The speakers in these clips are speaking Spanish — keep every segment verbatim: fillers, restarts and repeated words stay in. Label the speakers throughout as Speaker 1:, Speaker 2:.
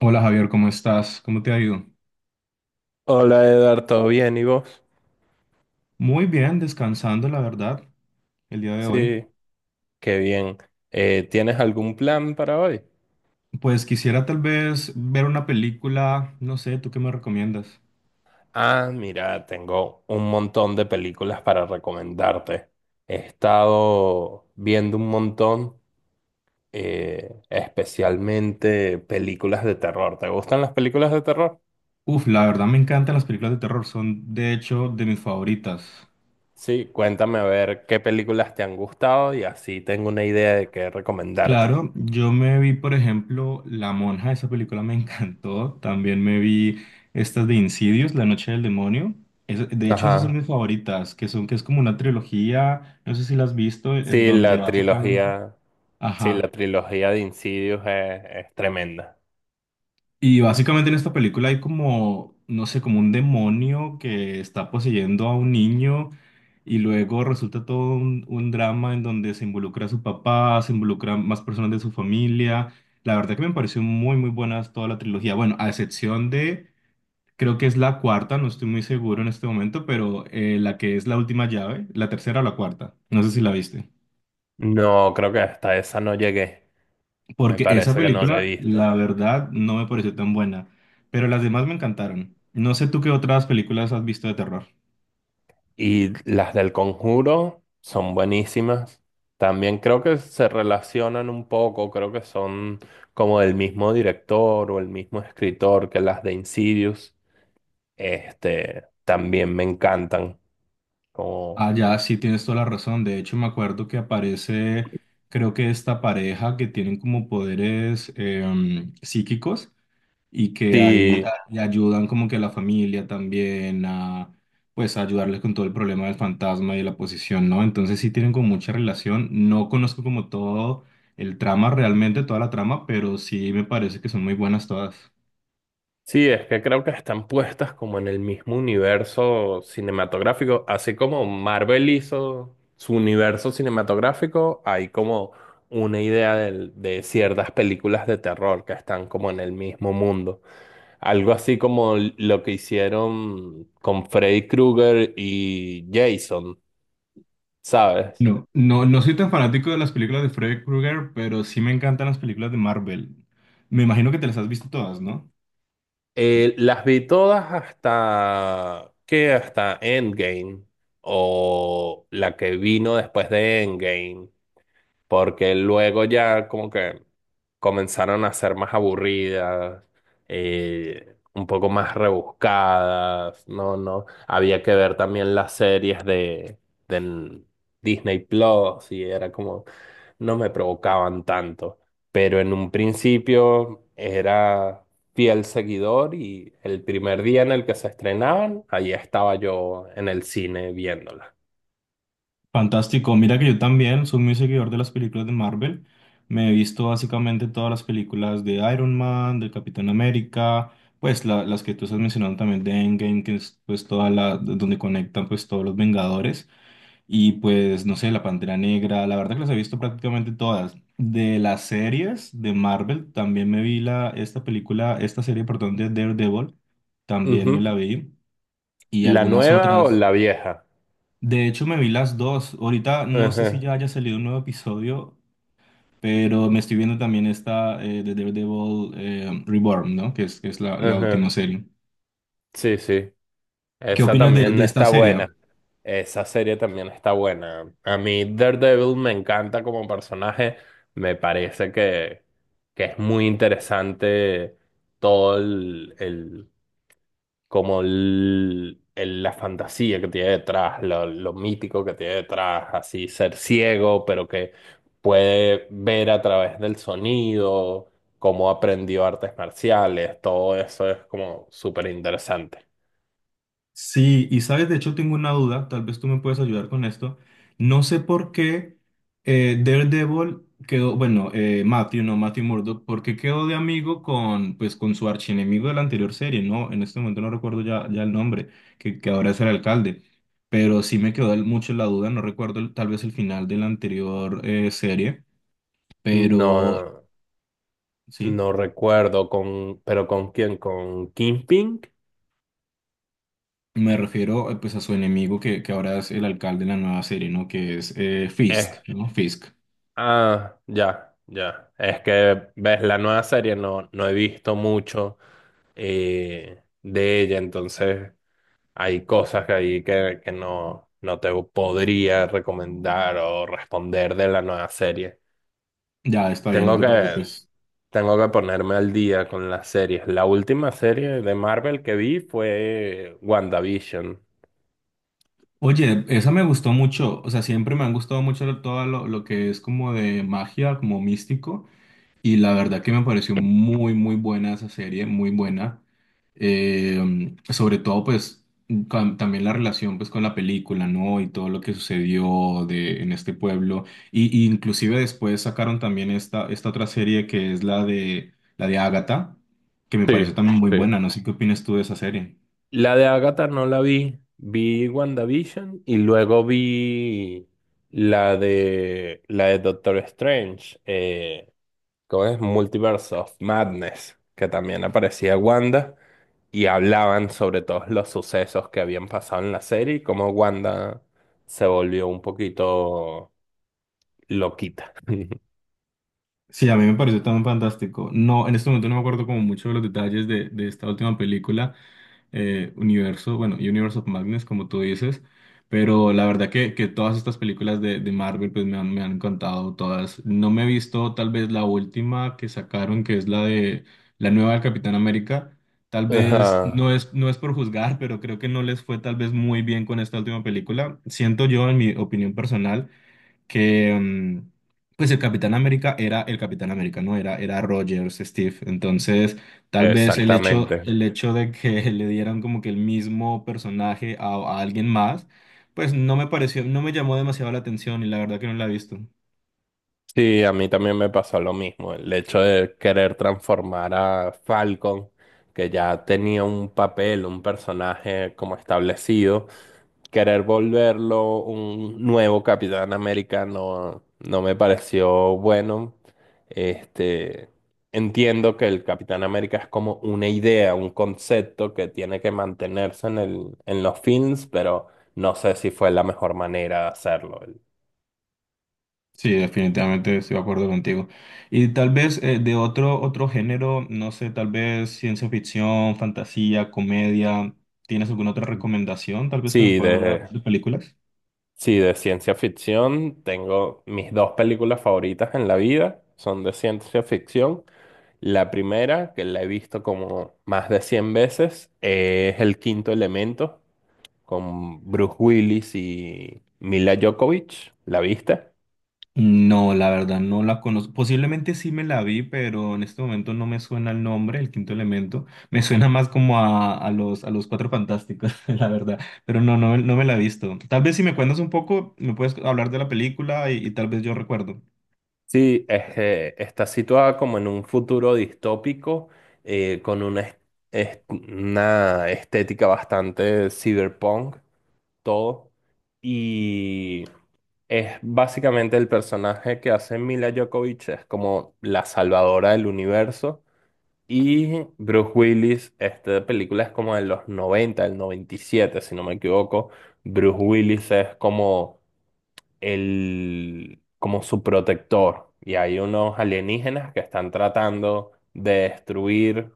Speaker 1: Hola Javier, ¿cómo estás? ¿Cómo te ha ido?
Speaker 2: Hola Edgar, ¿todo bien? ¿Y vos?
Speaker 1: Muy bien, descansando, la verdad, el día de hoy.
Speaker 2: Sí, qué bien. Eh, ¿tienes algún plan para hoy?
Speaker 1: Pues quisiera tal vez ver una película, no sé, ¿tú qué me recomiendas?
Speaker 2: Ah, mira, tengo un montón de películas para recomendarte. He estado viendo un montón, eh, especialmente películas de terror. ¿Te gustan las películas de terror?
Speaker 1: Uf, la verdad me encantan las películas de terror, son de hecho de mis favoritas.
Speaker 2: Sí, cuéntame a ver qué películas te han gustado y así tengo una idea de qué recomendarte.
Speaker 1: Claro, yo me vi, por ejemplo, La Monja, esa película me encantó. También me vi estas de Insidious, La Noche del Demonio. Es- de hecho, esas son
Speaker 2: Ajá.
Speaker 1: mis favoritas, que son, que es como una trilogía, no sé si la has visto, en
Speaker 2: Sí,
Speaker 1: donde
Speaker 2: la
Speaker 1: básicamente...
Speaker 2: trilogía, sí, la
Speaker 1: Ajá.
Speaker 2: trilogía de Insidious es es tremenda.
Speaker 1: Y básicamente en esta película hay como, no sé, como un demonio que está poseyendo a un niño y luego resulta todo un, un drama en donde se involucra a su papá, se involucran más personas de su familia. La verdad que me pareció muy, muy buena toda la trilogía. Bueno, a excepción de, creo que es la cuarta, no estoy muy seguro en este momento, pero eh, la que es la última llave, la tercera o la cuarta. No sé si la viste.
Speaker 2: No, creo que hasta esa no llegué. Me
Speaker 1: Porque esa
Speaker 2: parece que no la he
Speaker 1: película,
Speaker 2: visto.
Speaker 1: la verdad, no me pareció tan buena, pero las demás me encantaron. No sé tú qué otras películas has visto de terror.
Speaker 2: Y las del Conjuro son buenísimas. También creo que se relacionan un poco. Creo que son como del mismo director o el mismo escritor que las de Insidious. Este, también me encantan. Como,
Speaker 1: Ah, ya, sí tienes toda la razón. De hecho, me acuerdo que aparece, creo que esta pareja que tienen como poderes em, psíquicos y que ahí
Speaker 2: sí,
Speaker 1: a- ayudan como que a la familia también a pues a ayudarles con todo el problema del fantasma y de la posesión, ¿no? Entonces sí tienen como mucha relación. No conozco como todo el trama realmente, toda la trama, pero sí me parece que son muy buenas todas.
Speaker 2: sí, es que creo que están puestas como en el mismo universo cinematográfico, así como Marvel hizo su universo cinematográfico, hay como una idea del- de ciertas películas de terror que están como en el mismo mundo. Algo así como lo que hicieron con Freddy Krueger y Jason, ¿sabes?
Speaker 1: No, no, no soy tan fanático de las películas de Freddy Krueger, pero sí me encantan las películas de Marvel. Me imagino que te las has visto todas, ¿no?
Speaker 2: Eh, las vi todas hasta que hasta Endgame o la que vino después de Endgame, porque luego ya como que comenzaron a ser más aburridas, eh, un poco más rebuscadas, no, no, había que ver también las series de, de Disney Plus y era como, no me provocaban tanto, pero en un principio era fiel seguidor y el primer día en el que se estrenaban, allí estaba yo en el cine viéndola.
Speaker 1: Fantástico, mira que yo también soy muy seguidor de las películas de Marvel. Me he visto básicamente todas las películas de Iron Man, del Capitán América, pues la- las que tú estás mencionando también de Endgame, que es pues toda la donde conectan pues todos los Vengadores y pues no sé, la Pantera Negra, la verdad que las he visto prácticamente todas. De las series de Marvel también me vi la esta película, esta serie perdón de Daredevil, también me la
Speaker 2: Ujú.
Speaker 1: vi y
Speaker 2: ¿La
Speaker 1: algunas
Speaker 2: nueva o
Speaker 1: otras
Speaker 2: la vieja?
Speaker 1: de hecho, me vi las dos. Ahorita no sé si ya
Speaker 2: Ujú.
Speaker 1: haya salido un nuevo episodio, pero me estoy viendo también esta eh, de Daredevil eh, Reborn, ¿no? Que es, que es la, la última
Speaker 2: Ajá.
Speaker 1: serie.
Speaker 2: Sí, sí.
Speaker 1: ¿Qué
Speaker 2: Esa
Speaker 1: opinas de,
Speaker 2: también
Speaker 1: de esta
Speaker 2: está buena.
Speaker 1: serie?
Speaker 2: Esa serie también está buena. A mí Daredevil me encanta como personaje. Me parece que, que es muy interesante todo el, el- como el- el- la fantasía que tiene detrás, lo, lo mítico que tiene detrás, así ser ciego, pero que puede ver a través del sonido, cómo aprendió artes marciales, todo eso es como súper interesante.
Speaker 1: Sí, y sabes, de hecho tengo una duda, tal vez tú me puedes ayudar con esto. No sé por qué eh, Daredevil quedó, bueno, eh, Matthew, no, Matthew Murdock, ¿por qué quedó de amigo con, pues, con su archienemigo de la anterior serie? No, en este momento no recuerdo ya, ya el nombre, que, que ahora es el alcalde, pero sí me quedó el- mucho la duda, no recuerdo el- tal vez el final de la anterior eh, serie, pero
Speaker 2: No,
Speaker 1: sí,
Speaker 2: no recuerdo con, pero ¿con quién? ¿Con Kingpin?
Speaker 1: me refiero eh, pues a su enemigo que, que ahora es el alcalde de la nueva serie, ¿no? Que es eh, Fisk,
Speaker 2: Eh,
Speaker 1: ¿no? Fisk.
Speaker 2: ah, ya, ya. Es que ves la nueva serie, no, no he visto mucho eh, de ella, entonces hay cosas que ahí que, que no, no te podría recomendar o responder de la nueva serie.
Speaker 1: Ya, está bien,
Speaker 2: Tengo
Speaker 1: no te
Speaker 2: que,
Speaker 1: preocupes.
Speaker 2: tengo que ponerme al día con las series. La última serie de Marvel que vi fue WandaVision.
Speaker 1: Oye, esa me gustó mucho, o sea, siempre me han gustado mucho lo- todo lo, lo que es como de magia, como místico, y la verdad que me pareció muy, muy buena esa serie, muy buena. Eh, sobre todo, pues, cam- también la relación, pues, con la película, ¿no? Y todo lo que sucedió de, en este pueblo. Y, y inclusive después sacaron también esta, esta otra serie que es la de, la de Agatha, que me
Speaker 2: Sí,
Speaker 1: pareció también muy
Speaker 2: sí.
Speaker 1: buena, no sé qué opinas tú de esa serie.
Speaker 2: La de Agatha no la vi. Vi WandaVision y luego vi la de la de Doctor Strange. Eh, ¿cómo es? Multiverse of Madness, que también aparecía Wanda y hablaban sobre todos los sucesos que habían pasado en la serie y cómo Wanda se volvió un poquito loquita.
Speaker 1: Sí, a mí me pareció tan fantástico. No, en este momento no me acuerdo como mucho de los detalles de, de esta última película, eh, Universo, bueno, Universe of Madness, como tú dices, pero la verdad que, que todas estas películas de, de Marvel pues me han, me han encantado todas. No me he visto tal vez la última que sacaron, que es la de la nueva del Capitán América. Tal vez
Speaker 2: Ajá,
Speaker 1: no es, no es por juzgar, pero creo que no les fue tal vez muy bien con esta última película. Siento yo, en mi opinión personal que mm, pues el Capitán América era el Capitán América, ¿no? Era, era Rogers, Steve. Entonces, tal vez el hecho,
Speaker 2: exactamente.
Speaker 1: el hecho de que le dieran como que el mismo personaje a, a alguien más, pues no me pareció, no me llamó demasiado la atención y la verdad que no la he visto.
Speaker 2: Sí, a mí también me pasó lo mismo. El hecho de querer transformar a Falcon, que ya tenía un papel, un personaje como establecido, querer volverlo un nuevo Capitán América no, no me pareció bueno. Este, entiendo que el Capitán América es como una idea, un concepto que tiene que mantenerse en el, en los films, pero no sé si fue la mejor manera de hacerlo.
Speaker 1: Sí, definitivamente estoy de acuerdo contigo. Y tal vez eh, de otro, otro género, no sé, tal vez ciencia ficción, fantasía, comedia, ¿tienes alguna otra recomendación tal vez que me
Speaker 2: Sí,
Speaker 1: puedas dar
Speaker 2: de
Speaker 1: de películas?
Speaker 2: Sí, de ciencia ficción tengo mis dos películas favoritas en la vida, son de ciencia ficción. La primera, que la he visto como más de cien veces, es El Quinto Elemento, con Bruce Willis y Mila Djokovic. ¿La viste?
Speaker 1: No, la verdad no la conozco. Posiblemente sí me la vi, pero en este momento no me suena el nombre, el quinto elemento. Me suena más como a, a los, a los Cuatro Fantásticos, la verdad. Pero no, no, no me la he visto. Tal vez si me cuentas un poco, me puedes hablar de la película y, y tal vez yo recuerdo.
Speaker 2: Sí, es, eh, está situada como en un futuro distópico, eh, con una, est- est- una estética bastante cyberpunk, todo. Y Es básicamente el personaje que hace Mila Djokovic, es como la salvadora del universo. Y Bruce Willis, esta película es como de los noventa, el noventa y siete si no me equivoco. Bruce Willis es como el, como su protector. Y hay unos alienígenas que están tratando de destruir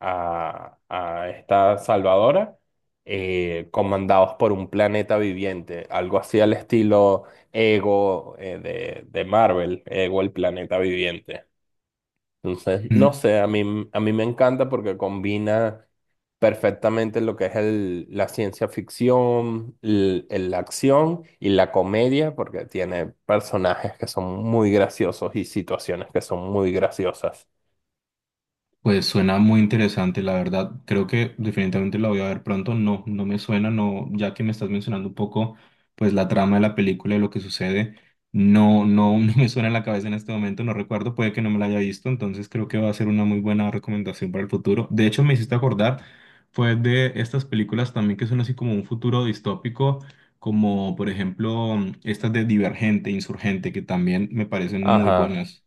Speaker 2: a, a esta salvadora, eh, comandados por un planeta viviente, algo así al estilo Ego, eh, de, de Marvel, Ego el planeta viviente. Entonces, no sé, a mí, a mí me encanta porque combina perfectamente lo que es el, la ciencia ficción, l- el- la acción y la comedia, porque tiene personajes que son muy graciosos y situaciones que son muy graciosas.
Speaker 1: Pues suena muy interesante, la verdad. Creo que definitivamente la voy a ver pronto. No, no me suena, no, ya que me estás mencionando un poco, pues la trama de la película y lo que sucede, no, no, no me suena en la cabeza en este momento, no recuerdo, puede que no me la haya visto, entonces creo que va a ser una muy buena recomendación para el futuro. De hecho, me hiciste acordar, fue de estas películas también que son así como un futuro distópico, como por ejemplo estas de Divergente, Insurgente, que también me parecen muy
Speaker 2: Ajá,
Speaker 1: buenas.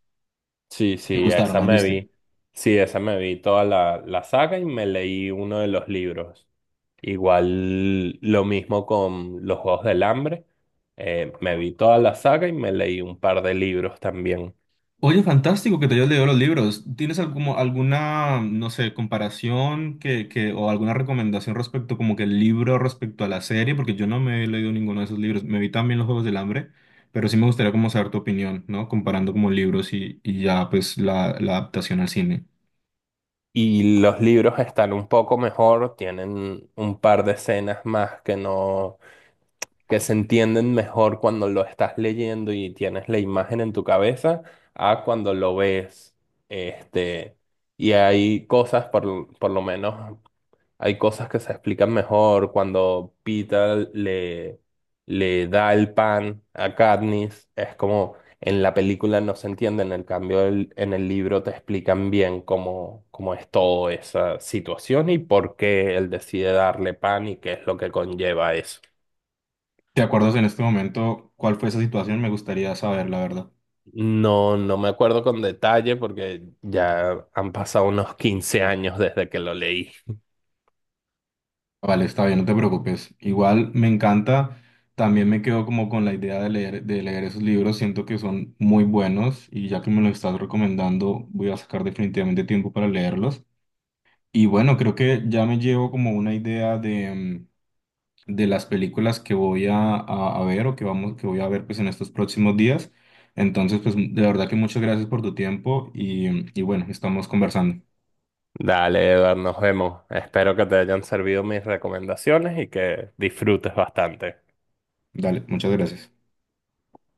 Speaker 2: sí,
Speaker 1: ¿Te
Speaker 2: sí,
Speaker 1: gustaron?
Speaker 2: esa
Speaker 1: ¿Las
Speaker 2: me
Speaker 1: viste?
Speaker 2: vi. Sí, esa me vi toda la, la saga y me leí uno de los libros. Igual lo mismo con Los Juegos del Hambre. Eh, me vi toda la saga y me leí un par de libros también.
Speaker 1: Oye, fantástico que te hayas leído los libros. ¿Tienes algún alguna, no sé, comparación que, que, o alguna recomendación respecto, como que el libro respecto a la serie? Porque yo no me he leído ninguno de esos libros. Me vi también Los Juegos del Hambre, pero sí me gustaría como saber tu opinión, ¿no? Comparando como libros y, y ya pues la, la adaptación al cine.
Speaker 2: Y los libros están un poco mejor, tienen un par de escenas más que no, que se entienden mejor cuando lo estás leyendo y tienes la imagen en tu cabeza a cuando lo ves. Este, y hay cosas, por, por lo menos hay cosas que se explican mejor cuando Peter le, le da el pan a Katniss. Es como en la película no se entiende, en el cambio el- en el libro te explican bien cómo, cómo es toda esa situación y por qué él decide darle pan y qué es lo que conlleva eso.
Speaker 1: ¿Te acuerdas en este momento cuál fue esa situación? Me gustaría saber, la verdad.
Speaker 2: No, no me acuerdo con detalle porque ya han pasado unos quince años desde que lo leí.
Speaker 1: Vale, está bien, no te preocupes. Igual me encanta, también me quedo como con la idea de leer, de leer esos libros, siento que son muy buenos y ya que me los estás recomendando, voy a sacar definitivamente tiempo para leerlos. Y bueno, creo que ya me llevo como una idea de, mm, de las películas que voy a, a- a ver o que vamos, que voy a ver pues en estos próximos días. Entonces, pues de verdad que muchas gracias por tu tiempo y, y bueno, estamos conversando.
Speaker 2: Dale, Eduard, nos vemos. Espero que te hayan servido mis recomendaciones y que disfrutes bastante.
Speaker 1: Dale, muchas gracias.